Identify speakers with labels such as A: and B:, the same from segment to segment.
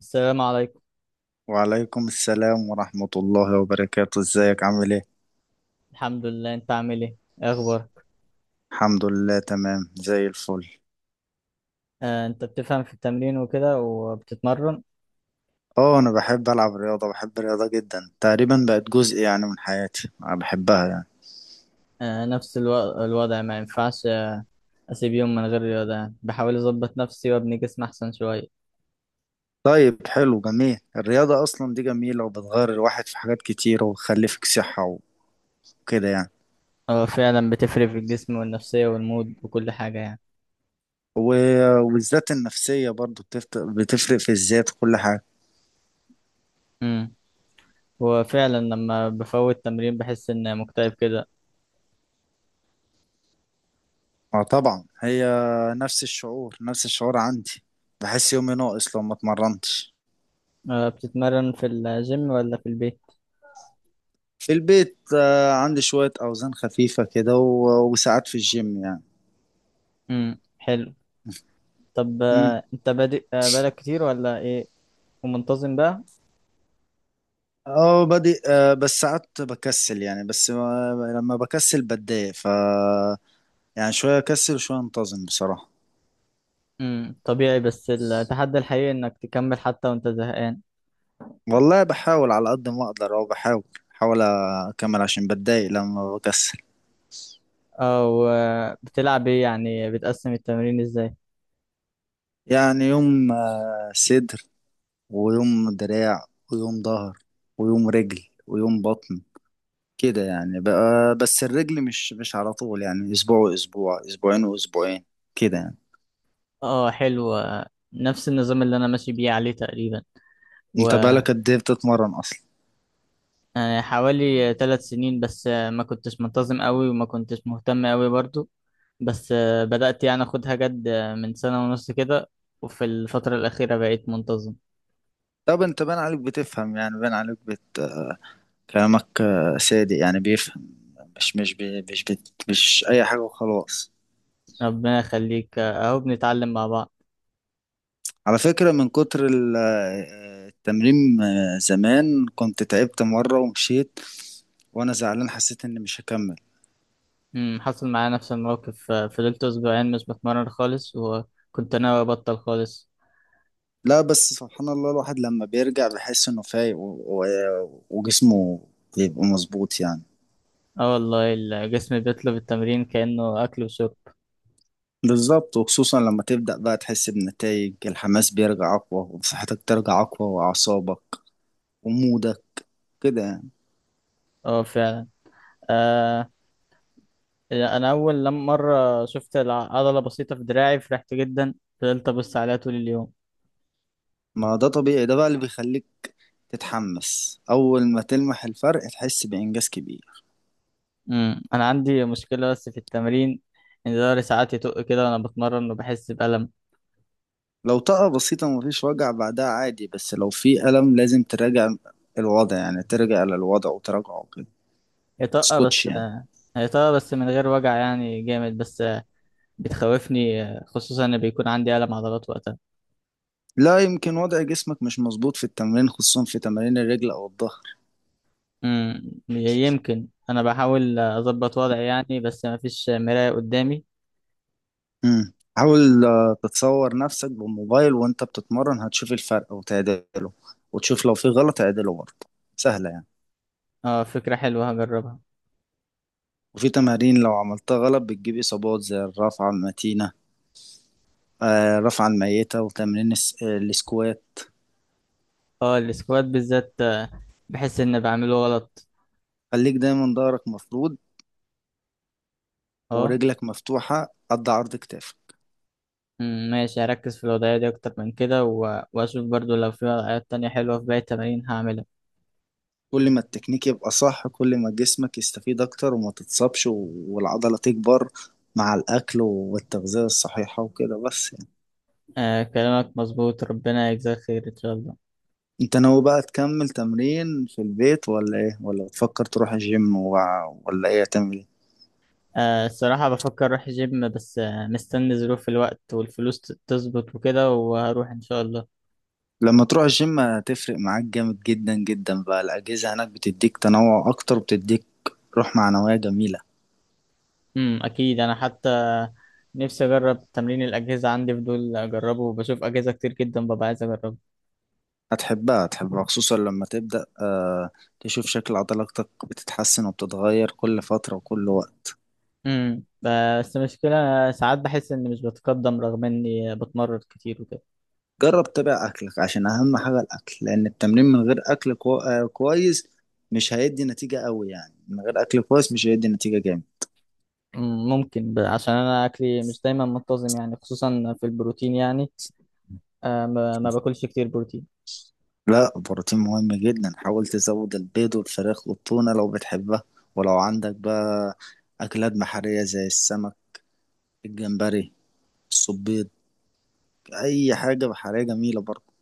A: السلام عليكم.
B: وعليكم السلام ورحمة الله وبركاته. ازيك عامل ايه؟
A: الحمد لله، انت عامل ايه؟ ايه اخبارك؟
B: الحمد لله، تمام زي الفل.
A: آه، انت بتفهم في التمرين وكده وبتتمرن؟
B: اه، انا بحب العب رياضة، بحب الرياضة جدا، تقريبا بقت جزء يعني من حياتي، انا بحبها يعني.
A: آه، نفس الوضع ما ينفعش. اسيب يوم من غير رياضة يعني، بحاول اظبط نفسي وابني جسم احسن شوية.
B: طيب، حلو، جميل. الرياضة اصلا دي جميلة وبتغير الواحد في حاجات كتيرة وبتخلي فيك صحة وكده يعني.
A: هو فعلا بتفرق في الجسم والنفسية والمود وكل حاجة يعني.
B: والذات النفسية برضو بتفرق في الذات وكل حاجة.
A: امم. هو فعلا لما بفوت تمرين بحس ان مكتئب كده.
B: اه، طبعا هي. نفس الشعور، نفس الشعور عندي. بحس يومي ناقص لو ما اتمرنتش.
A: آه، بتتمرن في الجيم ولا في البيت؟
B: في البيت. عندي شوية أوزان خفيفة كده وساعات في الجيم يعني.
A: امم، حلو. طب،
B: مم.
A: انت بادئ بقالك كتير ولا ايه؟ ومنتظم بقى؟
B: اه، بادئ. بس ساعات بكسل يعني، بس لما بكسل بتضايق يعني شوية أكسل وشوية أنتظم بصراحة.
A: امم، طبيعي، بس التحدي الحقيقي انك تكمل حتى وانت زهقان.
B: والله، بحاول على قد ما أقدر، أو بحاول أكمل عشان بتضايق لما بكسل.
A: او بتلعب ايه يعني، بتقسم التمرين ازاي؟
B: يعني يوم صدر، ويوم دراع، ويوم ظهر، ويوم رجل، ويوم بطن، كده يعني. بقى بس الرجل مش على طول يعني، اسبوع واسبوع، اسبوعين واسبوعين، كده يعني.
A: اه حلو، نفس النظام اللي انا ماشي بيه عليه تقريبا.
B: انت بقالك قد ايه بتتمرن اصلا؟
A: وحوالي 3 سنين بس، ما كنتش منتظم قوي وما كنتش مهتم قوي برضو. بس بدأت يعني اخدها جد، من سنة ونص كده، وفي الفترة الأخيرة بقيت منتظم.
B: طب انت باين عليك بتفهم، يعني كلامك صادق يعني، بيفهم. مش مش بي... مش بت... مش اي حاجة وخلاص.
A: ربنا يخليك، اهو بنتعلم مع بعض.
B: على فكرة، من كتر التمرين، زمان كنت تعبت مرة ومشيت وانا زعلان، حسيت اني مش هكمل.
A: أمم، حصل معايا نفس الموقف، فضلت أسبوعين مش بتمرن خالص وكنت ناوي أبطل خالص.
B: لا، بس سبحان الله، الواحد لما بيرجع بيحس انه فايق وجسمه بيبقى مظبوط يعني.
A: اه والله الجسم بيطلب التمرين كأنه أكل وشرب.
B: بالظبط، وخصوصا لما تبدأ بقى تحس بنتائج، الحماس بيرجع أقوى وصحتك ترجع أقوى وأعصابك ومودك، كده يعني.
A: اه فعلا. آه. يعني أنا أول لما مرة شفت عضلة بسيطة في دراعي فرحت جدا. فضلت أبص عليها طول اليوم.
B: ما ده طبيعي، ده بقى اللي بيخليك تتحمس أول ما تلمح الفرق تحس بإنجاز كبير.
A: أمم، أنا عندي مشكلة بس في التمرين، إن ظهري ساعات يطق كده وأنا بتمرن وبحس بألم.
B: لو طاقة بسيطة مفيش وجع بعدها عادي، بس لو في ألم لازم تراجع الوضع يعني، ترجع للوضع وتراجعه كده.
A: يطق
B: متسكتش
A: بس
B: يعني.
A: هيطق بس من غير وجع يعني جامد بس، بتخوفني خصوصا إن بيكون عندي ألم عضلات وقتها.
B: لا، يمكن وضع جسمك مش مظبوط في التمرين، خصوصا في تمارين الرجل أو الظهر.
A: امم، يمكن انا بحاول اظبط وضعي يعني، بس ما فيش مراية قدامي.
B: مم. حاول تتصور نفسك بالموبايل وانت بتتمرن، هتشوف الفرق وتعدله، وتشوف لو في غلط اعدله برضه، سهلة يعني.
A: اه، فكرة حلوة هجربها.
B: وفي تمارين لو عملتها غلط بتجيب إصابات، زي الرفعة المتينة، الرفعة الميتة وتمرين السكوات.
A: اه السكوات بالذات، بحس ان بعمله غلط.
B: خليك دايما ظهرك مفرود
A: اه.
B: ورجلك مفتوحة قد عرض كتافك.
A: أمم، ماشي، هركز في الوضعية دي اكتر من كده واشوف برضو لو في وضعيات تانية حلوة في باقي التمارين هعملها.
B: كل ما التكنيك يبقى صح كل ما جسمك يستفيد أكتر وما تتصابش والعضلة تكبر، مع الأكل والتغذية الصحيحة وكده بس.
A: آه كلامك مظبوط، ربنا يجزاك خير ان شاء الله.
B: انت ناوي بقى تكمل تمرين في البيت ولا ايه؟ ولا بتفكر تروح الجيم ولا ايه هتعمل ايه؟
A: آه الصراحة بفكر اروح جيم، بس مستني ظروف الوقت والفلوس تظبط وكده وهروح ان شاء الله.
B: لما تروح الجيم هتفرق معاك جامد جدا جدا، بقى الأجهزة هناك بتديك تنوع أكتر، بتديك روح معنوية جميلة.
A: اكيد، انا حتى نفسي اجرب تمرين الاجهزه، عندي فضول اجربه وبشوف اجهزه كتير جدا ببقى عايز اجربه.
B: هتحبها، هتحبها، خصوصا لما تبدأ تشوف شكل عضلاتك بتتحسن وبتتغير كل فترة وكل وقت.
A: امم، بس المشكله ساعات بحس اني مش بتقدم رغم اني بتمرن كتير وكده.
B: جرب تتابع أكلك عشان أهم حاجة الأكل، لأن التمرين من غير أكل كو... آه كويس مش هيدي نتيجة قوي، يعني من غير أكل كويس مش هيدي نتيجة جامد.
A: أمم، ممكن عشان انا اكلي مش دايما منتظم يعني خصوصا في البروتين يعني. آه، ما باكلش كتير بروتين.
B: لا، البروتين مهم جدا، حاول تزود البيض والفراخ والتونة لو بتحبها، ولو عندك بقى أكلات بحرية زي السمك، الجمبري، الصبيط، أي حاجة بحرية جميلة برضه.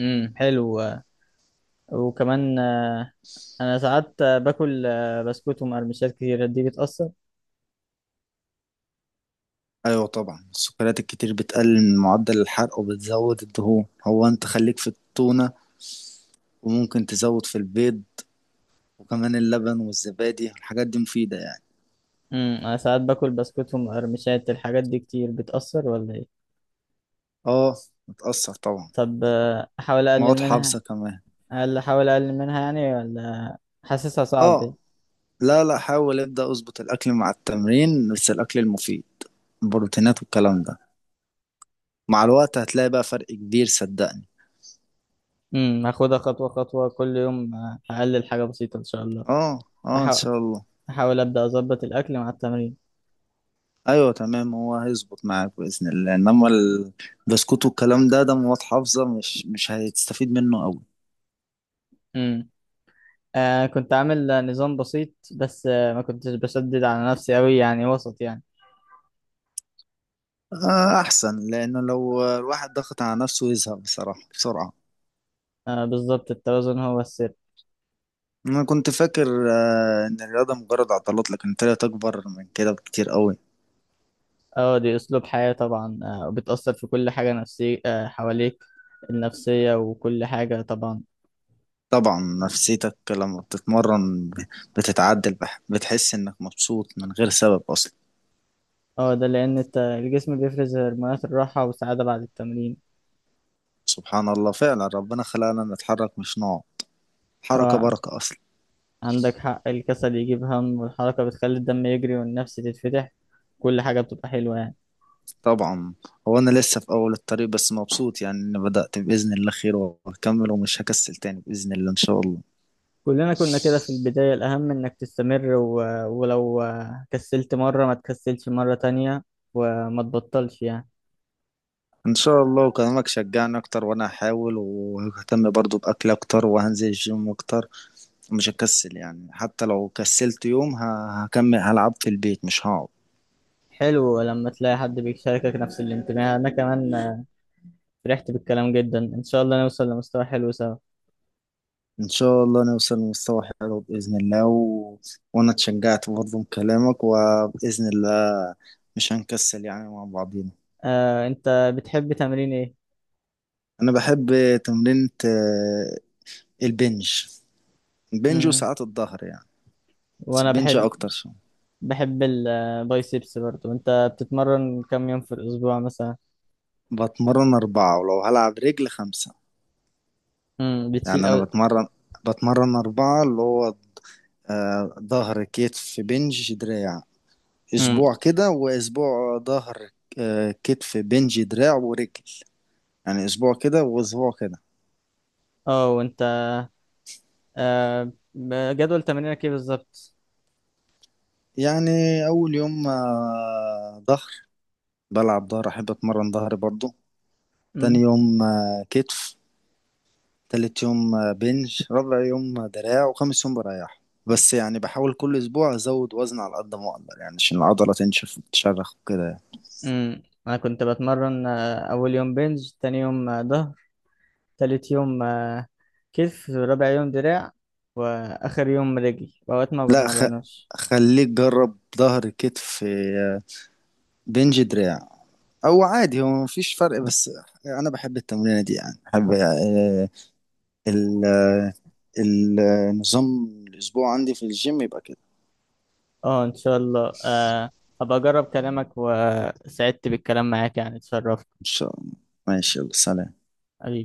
A: حلو. وكمان انا ساعات باكل بسكوت ومقرمشات كتير دي بتأثر.
B: أيوة طبعا، السكريات الكتير بتقلل من معدل الحرق وبتزود الدهون. هو أنت خليك في التونة، وممكن تزود في البيض، وكمان اللبن والزبادي، الحاجات دي مفيدة يعني.
A: امم، انا ساعات باكل بسكوت ومقرمشات، الحاجات دي كتير بتأثر ولا ايه؟
B: اه، بتأثر طبعا،
A: طب احاول اقلل
B: مواد حافظة
A: منها.
B: كمان.
A: هل احاول اقلل منها يعني ولا؟ حاسسها صعب.
B: اه، لا لا، حاول ابدأ اظبط الاكل مع التمرين، بس الاكل المفيد، البروتينات والكلام ده، مع الوقت هتلاقي بقى فرق كبير، صدقني.
A: امم، هاخدها خطوة خطوة، كل يوم هقلل حاجة بسيطة ان شاء الله.
B: اه، اه، ان
A: هحاول.
B: شاء الله.
A: احاول ابدا اظبط الاكل مع التمرين.
B: ايوه، تمام. هو هيظبط معاك باذن الله، انما البسكوت والكلام ده مواد حافظه مش هتستفيد منه قوي.
A: امم. آه كنت عامل نظام بسيط، بس ما كنتش بشدد على نفسي قوي يعني وسط يعني.
B: آه، احسن، لانه لو الواحد ضغط على نفسه يزهق بصراحه بسرعه.
A: آه بالظبط، التوازن هو السر.
B: انا كنت فاكر ان الرياضه مجرد عضلات، لكن طلعت اكبر من كده بكتير قوي.
A: اه دي اسلوب حياة طبعا، وبتأثر في كل حاجة نفسية، حواليك النفسية وكل حاجة طبعا.
B: طبعا. نفسيتك لما بتتمرن بتتعدل، بتحس انك مبسوط من غير سبب اصلا.
A: اه ده لأن الجسم بيفرز هرمونات الراحة والسعادة بعد التمرين.
B: سبحان الله، فعلا ربنا خلقنا نتحرك مش نقعد، حركة
A: اه
B: بركة اصلا.
A: عندك حق، الكسل يجيب هم والحركة بتخلي الدم يجري والنفس تتفتح، كل حاجة بتبقى حلوة يعني.
B: طبعا. هو انا لسه في اول الطريق، بس مبسوط يعني اني بدأت باذن الله خير، وهكمل ومش هكسل تاني باذن الله ان شاء الله.
A: كلنا كنا كده في البداية، الأهم إنك تستمر ولو كسلت مرة ما تكسلش مرة تانية وما تبطلش يعني.
B: ان شاء الله، وكلامك شجعني اكتر، وانا هحاول وههتم برضو باكل اكتر وهنزل الجيم اكتر، ومش هكسل يعني. حتى لو كسلت يوم هكمل هلعب في البيت مش هقعد.
A: حلو لما تلاقي حد بيشاركك نفس الانتماء، أنا كمان فرحت بالكلام جدا، إن شاء الله نوصل لمستوى حلو سوا.
B: إن شاء الله نوصل لمستوى حلو بإذن الله، وأنا اتشجعت برضه من كلامك، وبإذن الله مش هنكسل يعني مع بعضينا.
A: آه، أنت بتحب تمرين إيه؟
B: أنا بحب تمرينة البنج. البنج
A: مم.
B: وساعات الظهر يعني، بس
A: وأنا
B: البنج
A: بحب.
B: أكتر شوية.
A: بحب البايسبس برضو. انت بتتمرن كم يوم في الاسبوع مثلا؟
B: بتمرن أربعة، ولو هلعب رجل خمسة.
A: امم، بتشيل
B: يعني
A: او.
B: أنا بتمرن أربعة، اللي هو ظهر، كتف، بنج، دراع.
A: امم.
B: أسبوع كده، وأسبوع ظهر، كتف، بنج، دراع ورجل. يعني أسبوع كده وأسبوع كده
A: اه وانت، جدول تمرينك ايه بالظبط؟
B: يعني. اول يوم ظهر، بلعب ظهر، احب اتمرن ظهر برضو. تاني
A: امم.
B: يوم كتف. تالت يوم بنج. رابع يوم دراع. وخامس يوم بريح، بس يعني بحاول كل اسبوع ازود وزن على قد ما اقدر، يعني عشان العضله تنشف وتشرخ وكده يعني.
A: امم، انا كنت بتمرن اول يوم بنج، تاني يوم ظهر، تالت يوم كتف، رابع يوم دراع، واخر يوم رجل، واوقات ما
B: لا،
A: بتمرنوش.
B: خليك جرب ظهر، كتف، بنج، دراع. او عادي هو مفيش فرق، بس انا بحب التمرينه دي يعني، بحب ال- آه، النظام. الأسبوع عندي في الجيم يبقى كده.
A: اه ان شاء الله. هبقى اجرب كلامك، وسعدت بالكلام معاك يعني، اتشرفت.
B: ان شاء الله. ماشي، يلا سلام.